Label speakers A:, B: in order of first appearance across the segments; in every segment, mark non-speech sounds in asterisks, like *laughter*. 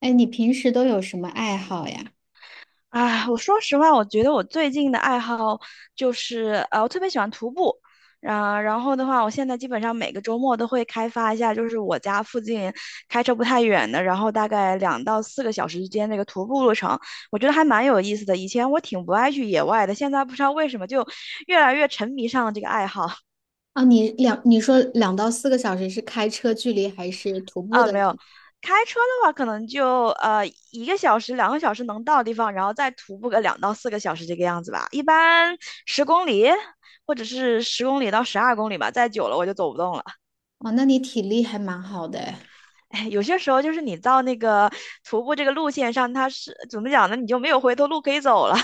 A: 哎，你平时都有什么爱好呀？
B: 啊，我说实话，我觉得我最近的爱好就是，我特别喜欢徒步。啊，然后的话，我现在基本上每个周末都会开发一下，就是我家附近开车不太远的，然后大概两到四个小时之间那个徒步路程，我觉得还蛮有意思的。以前我挺不爱去野外的，现在不知道为什么就越来越沉迷上了这个爱好。
A: 啊，你说2到4个小时是开车距离还是徒步
B: 啊，
A: 的？
B: 没有，开车的话可能就1个小时、2个小时能到的地方，然后再徒步个两到四个小时这个样子吧。一般十公里或者是10公里到12公里吧，再久了我就走不动了。
A: 哦，那你体力还蛮好的哎。
B: 哎，有些时候就是你到那个徒步这个路线上，它是怎么讲呢？你就没有回头路可以走了。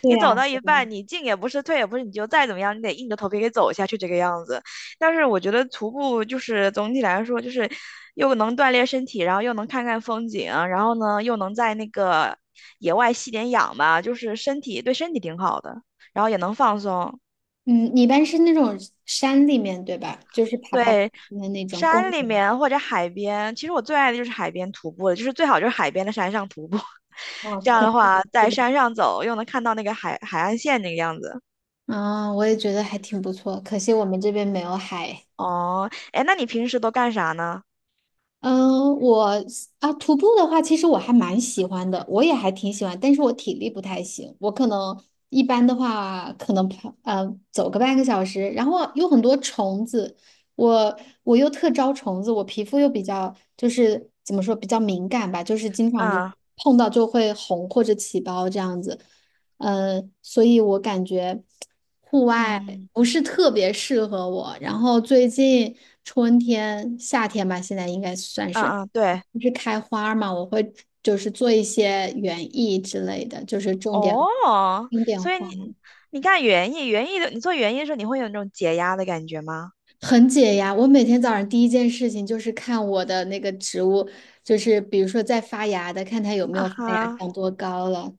A: 对
B: 你走
A: 呀，
B: 到一半，你进也不是，退也不是，你就再怎么样，你得硬着头皮给走下去这个样子。但是我觉得徒步就是总体来说，就是又能锻炼身体，然后又能看看风景，然后呢又能在那个野外吸点氧吧，就是对身体挺好的，然后也能放松。
A: 嗯，你一般是那种山里面对吧？就是爬爬山
B: 对，
A: 的那种公
B: 山里
A: 园。
B: 面或者海边，其实我最爱的就是海边徒步了，就是最好就是海边的山上徒步，*laughs*
A: 哦，
B: 这样
A: 可
B: 的
A: 惜我
B: 话
A: 们这
B: 在
A: 边。
B: 山上走又能看到那个海岸线那个样子。
A: 啊，我也觉得还挺不错，可惜我们这边没有海。
B: 哦，哎，那你平时都干啥呢？
A: 嗯，我啊，徒步的话，其实我还蛮喜欢的，我也还挺喜欢，但是我体力不太行，我可能一般的话，可能跑走个半个小时，然后有很多虫子，我我又特招虫子，我皮肤又比较就是怎么说比较敏感吧，就是经常就
B: 嗯
A: 碰到就会红或者起包这样子，嗯，所以我感觉。户外
B: 嗯，
A: 不是特别适合我。然后最近春天、夏天吧，现在应该算是
B: 嗯嗯，对，
A: 不是开花嘛，我会就是做一些园艺之类的，就是种点
B: 哦，所以
A: 花，
B: 你干园艺，园艺的你做园艺的时候，你会有那种解压的感觉吗？
A: 很解压。我每天早上第一件事情就是看我的那个植物，就是比如说在发芽的，看它有没
B: 啊
A: 有发芽，
B: 哈，
A: 长多高了。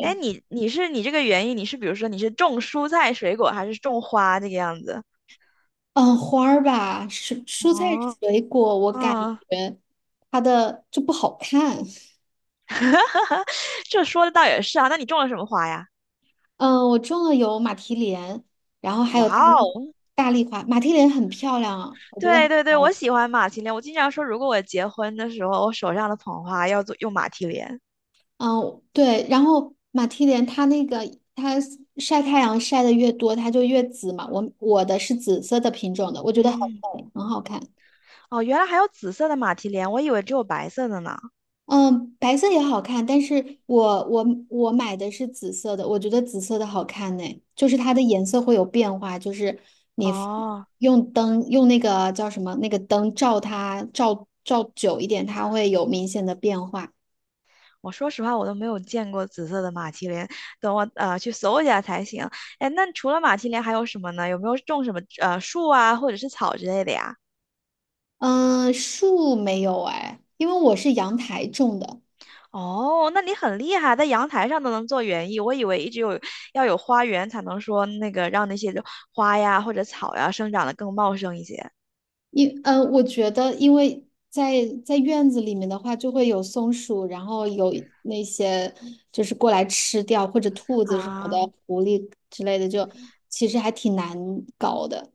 B: 哎，你是你这个园艺，比如说你是种蔬菜水果，还是种花这个样子？
A: 嗯，花儿吧，蔬菜
B: 哦，
A: 水果，我感
B: 嗯，
A: 觉它的就不好看。*laughs*
B: *laughs* 这说的倒也是啊，那你种了什么花呀？
A: 嗯，我种了有马蹄莲，然后还有
B: 哇哦，
A: 大丽花。马蹄莲很漂亮啊，我觉得很
B: 对对对，
A: 漂
B: 我
A: 亮。
B: 喜欢马蹄莲，我经常说，如果我结婚的时候，我手上的捧花要用马蹄莲。
A: 嗯，对，然后马蹄莲它那个它晒太阳晒的越多，它就越紫嘛。我的是紫色的品种的，我觉得很
B: 嗯。
A: 美，很好看。
B: 哦，原来还有紫色的马蹄莲，我以为只有白色的呢。
A: 嗯，白色也好看，但是我买的是紫色的，我觉得紫色的好看呢，就是它的颜色会有变化，就是你
B: 哦，
A: 用灯用那个叫什么那个灯照它照照久一点，它会有明显的变化。
B: 我说实话，我都没有见过紫色的马蹄莲，等我去搜一下才行。哎，那除了马蹄莲还有什么呢？有没有种什么树啊，或者是草之类的呀？
A: 嗯，树没有哎，因为我是阳台种的。
B: 哦，那你很厉害，在阳台上都能做园艺。我以为一直有要有花园才能说那个让那些花呀或者草呀生长得更茂盛一些。
A: 我觉得，因为在院子里面的话，就会有松鼠，然后有那些就是过来吃掉或者兔子什么的，
B: 啊，
A: 狐狸之类的，就其实还挺难搞的。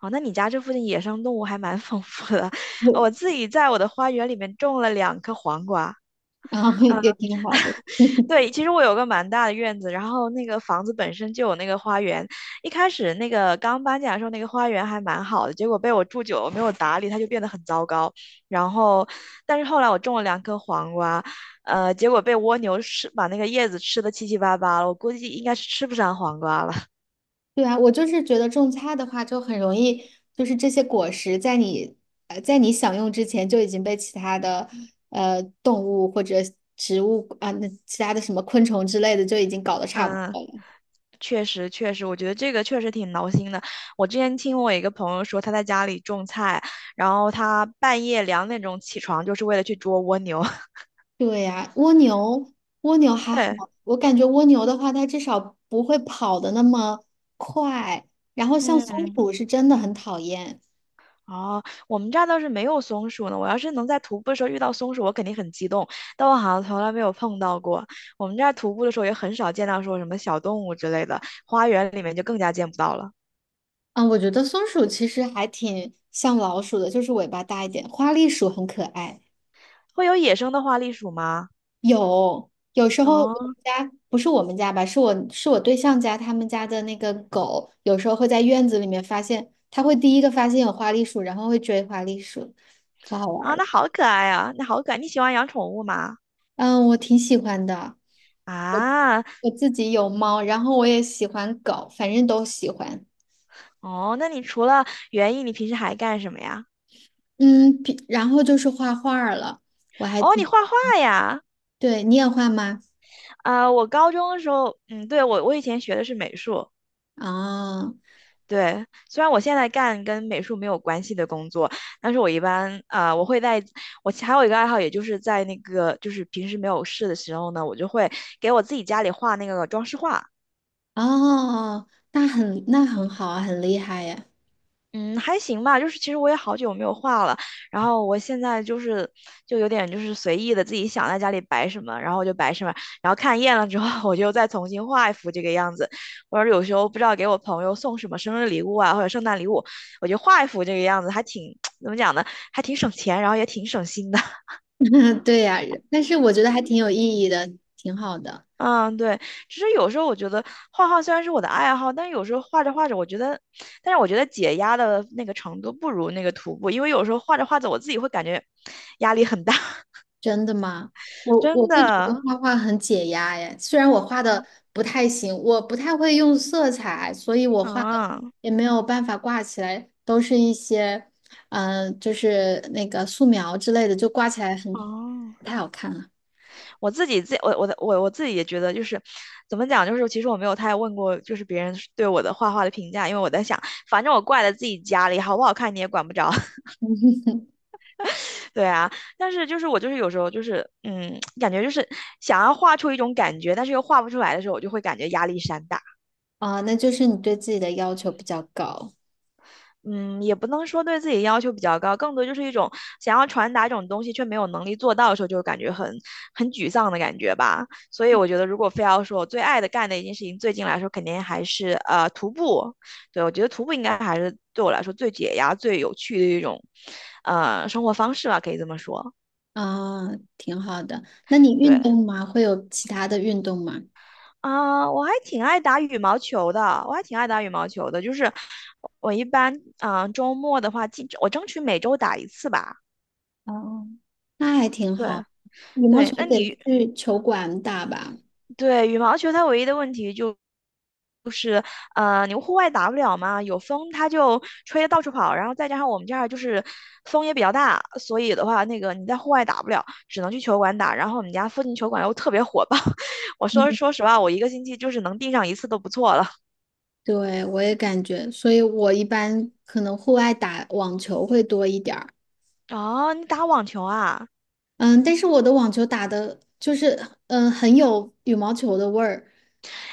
B: 哦，那你家这附近野生动物还蛮丰富的。*laughs* 我
A: 我
B: 自己在我的花园里面种了两颗黄瓜。
A: 然后也 *laughs* 挺好的。*laughs*
B: 对，其实我有个蛮大的院子，然后那个房子本身就有那个花园。一开始那个刚搬进来的时候，那个花园还蛮好的，结果被我住久了没有打理，它就变得很糟糕。然后，但是后来我种了两颗黄瓜，结果被蜗牛吃，把那个叶子吃的七七八八了。我估计应该是吃不上黄瓜了。*laughs*
A: 对啊，我就是觉得种菜的话，就很容易，就是这些果实在你在你享用之前就已经被其他的动物或者植物啊，那其他的什么昆虫之类的就已经搞得差不
B: 嗯，
A: 多了。
B: 确实确实，我觉得这个确实挺挠心的。我之前听我一个朋友说，他在家里种菜，然后他半夜2点钟起床，就是为了去捉蜗牛。
A: 对呀，蜗牛，蜗牛
B: *laughs*
A: 还好，
B: 对，
A: 我感觉蜗牛的话，它至少不会跑的那么快。然后像松
B: 嗯，
A: 鼠是真的很讨厌，
B: 哦，我们这儿倒是没有松鼠呢。我要是能在徒步的时候遇到松鼠，我肯定很激动。但我好像从来没有碰到过。我们这儿徒步的时候也很少见到说什么小动物之类的，花园里面就更加见不到了。
A: 嗯，我觉得松鼠其实还挺像老鼠的，就是尾巴大一点。花栗鼠很可爱，
B: 会有野生的花栗鼠吗？
A: 有时候我们
B: 哦，
A: 家不是我们家吧，是我对象家他们家的那个狗，有时候会在院子里面发现，它会第一个发现有花栗鼠，然后会追花栗鼠，可好玩
B: 啊，
A: 儿了。
B: 那好可爱啊，那好可爱。你喜欢养宠物吗？
A: 嗯，我挺喜欢的。
B: 啊，
A: 我自己有猫，然后我也喜欢狗，反正都喜欢。
B: 哦，那你除了园艺，你平时还干什么呀？
A: 嗯，然后就是画画儿了，我还
B: 哦，你
A: 挺，
B: 画画呀？
A: 对，你也画吗？
B: 啊、我高中的时候，嗯，对，我以前学的是美术，
A: 哦
B: 对，虽然我现在干跟美术没有关系的工作，但是我一般我会在我还有一个爱好，也就是在那个就是平时没有事的时候呢，我就会给我自己家里画那个装饰画。
A: 哦，那很好啊，很厉害呀。
B: 嗯，还行吧，就是其实我也好久没有画了，然后我现在就是就有点就是随意的自己想在家里摆什么，然后就摆什么，然后看厌了之后，我就再重新画一幅这个样子，或者有时候不知道给我朋友送什么生日礼物啊，或者圣诞礼物，我就画一幅这个样子，还挺 *tsk* 怎么讲呢，还挺省钱，然后也挺省心的。
A: *laughs* 对呀，但是我觉得还挺有意义的，挺好的。
B: 嗯，对，其实有时候我觉得画画虽然是我的爱好，但有时候画着画着，我觉得，但是我觉得解压的那个程度不如那个徒步，因为有时候画着画着，我自己会感觉 *sniffs* 压力很大，
A: 真的吗？我
B: *laughs*
A: 我
B: 真
A: 会觉得
B: 的。
A: 画画很解压耶，虽然我画的
B: 嗯
A: 不太行，我不太会用色彩，所以我画的
B: 啊
A: 也没有办法挂起来，都是一些，嗯、就是那个素描之类的，就挂起来很
B: 哦，
A: 不太好看了。
B: 我自己自我我的我我自己也觉得就是怎么讲，就是其实我没有太问过就是别人对我的画画的评价，因为我在想，反正我挂在自己家里，好不好看你也管不着。对啊，但是就是我就是有时候就是，嗯，*tsk* 感觉就是想要画出一种感觉，但是又画不出来的时候，我就会感觉压力山大。
A: 啊、那就是你对自己的要求比较高
B: 嗯，也不能说对自己要求比较高，更多就是一种想要传达一种东西却没有能力做到的时候，就感觉很沮丧的感觉吧。所以我觉得，如果非要说我最爱的干的一件事情，最近来说肯定还是徒步。对，我觉得徒步应该还是对我来说最解压、最有趣的一种生活方式吧，可以这么说。
A: 啊、挺好的。那你运
B: 对，
A: 动吗？会有其他的运动吗？
B: 啊，我还挺爱打羽毛球的，我还挺爱打羽毛球的。就是我一般，啊，周末的话，争取每周打一次吧。
A: 哦，那还挺
B: 对
A: 好。羽毛
B: 对，
A: 球
B: 那
A: 得
B: 你
A: 去球馆打吧。
B: 对羽毛球它唯一的问题就是，你户外打不了嘛，有风它就吹得到处跑，然后再加上我们这儿就是风也比较大，所以的话，那个你在户外打不了，只能去球馆打。然后我们家附近球馆又特别火爆，*laughs* 我说实话，我一个星期就是能订上一次都不错了。
A: 对，我也感觉，所以我一般可能户外打网球会多一点儿，
B: 哦，你打网球啊？
A: 嗯，但是我的网球打的就是，嗯，很有羽毛球的味儿。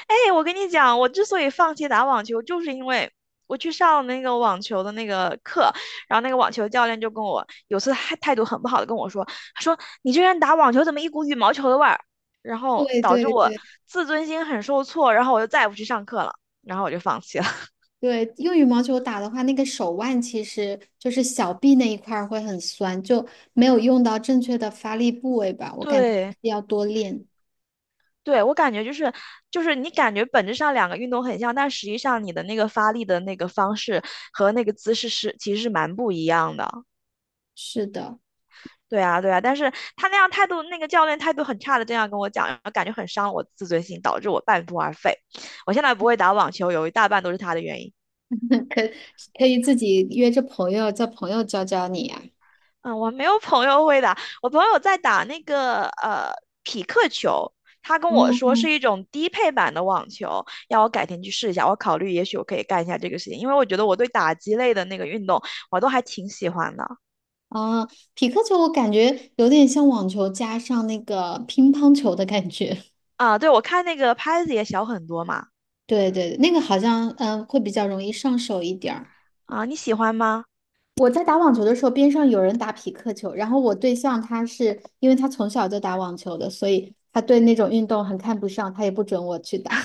B: 哎，我跟你讲，我之所以放弃打网球，就是因为我去上那个网球的那个课，然后那个网球教练就有次还态度很不好的跟我说，他说你居然打网球怎么一股羽毛球的味儿，然后
A: 对
B: 导致
A: 对
B: 我
A: 对
B: 自尊心很受挫，然后我就再也不去上课了，然后我就放弃了。*laughs*
A: 对，用羽毛球打的话，那个手腕其实就是小臂那一块儿会很酸，就没有用到正确的发力部位吧，我感觉还
B: 对，
A: 是要多练。
B: 对，我感觉就是就是你感觉本质上两个运动很像，但实际上你的那个发力的那个方式和那个姿势是其实是蛮不一样的。
A: 是的，
B: 对啊，对啊，但是他那样态度，那个教练态度很差的，这样跟我讲，然后感觉很伤我自尊心，导致我半途而废。我现在不会打网球，有一大半都是他的原因。
A: 可可以自己约着朋友，叫朋友教教你呀。
B: 嗯，我没有朋友会打，我朋友在打那个匹克球，他跟我说
A: 哦
B: 是一种低配版的网球，要我改天去试一下。我考虑也许我可以干一下这个事情，因为我觉得我对打击类的那个运动我都还挺喜欢的。
A: 啊，匹克球我感觉有点像网球加上那个乒乓球的感觉。*laughs*
B: 啊，对，我看那个拍子也小很多嘛。
A: 对对，那个好像嗯会比较容易上手一点儿。
B: 啊，你喜欢吗？
A: 我在打网球的时候，边上有人打匹克球，然后我对象他是因为他从小就打网球的，所以他对那种运动很看不上，他也不准我去打。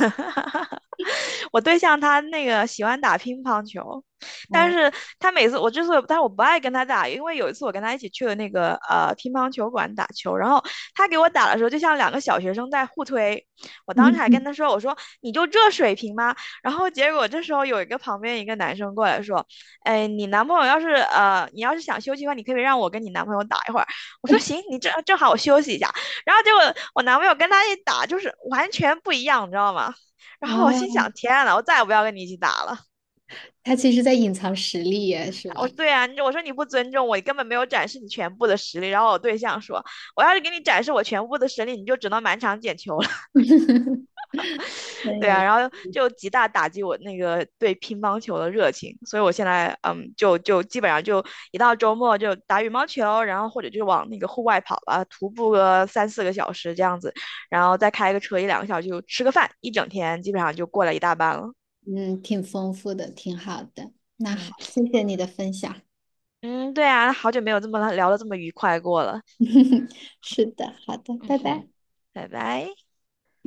B: *laughs* 我对象他那个喜欢打乒乓球，
A: *laughs*
B: 但
A: 啊，
B: 是他每次我之所以，但是我不爱跟他打，因为有一次我跟他一起去了那个乒乓球馆打球，然后他给我打的时候，就像两个小学生在互推。我当时还
A: 嗯
B: 跟他说："我说你就这水平吗？"然后结果这时候有一个旁边一个男生过来说："哎，你要是想休息的话，你可以让我跟你男朋友打一会儿。"我说："行，你正好我休息一下。"然后结果我男朋友跟他一打，就是完全不一样，你知道吗？然后我心想，
A: 啊，
B: 天呐，我再也不要跟你一起打了。
A: 他其实在隐藏实力耶，是
B: 我
A: 吧？
B: 说对啊，我说你不尊重我，你根本没有展示你全部的实力。然后我对象说，我要是给你展示我全部的实力，你就只能满场捡球了。*laughs*
A: *laughs* 真
B: 对啊，
A: 有，
B: 然后就极大打击我那个对乒乓球的热情。所以我现在嗯，就基本上就一到周末就打羽毛球，然后或者就往那个户外跑吧，徒步个3、4个小时这样子，然后再开个车1、2个小时就吃个饭，一整天基本上就过了一大半了。
A: 嗯，挺丰富的，挺好的。那好，
B: 嗯。
A: 谢谢你的分享。
B: 嗯，对啊，好久没有这么聊的这么愉快过了。
A: *laughs* 是的，好的，
B: 嗯
A: 拜
B: 哼，
A: 拜。
B: 拜拜。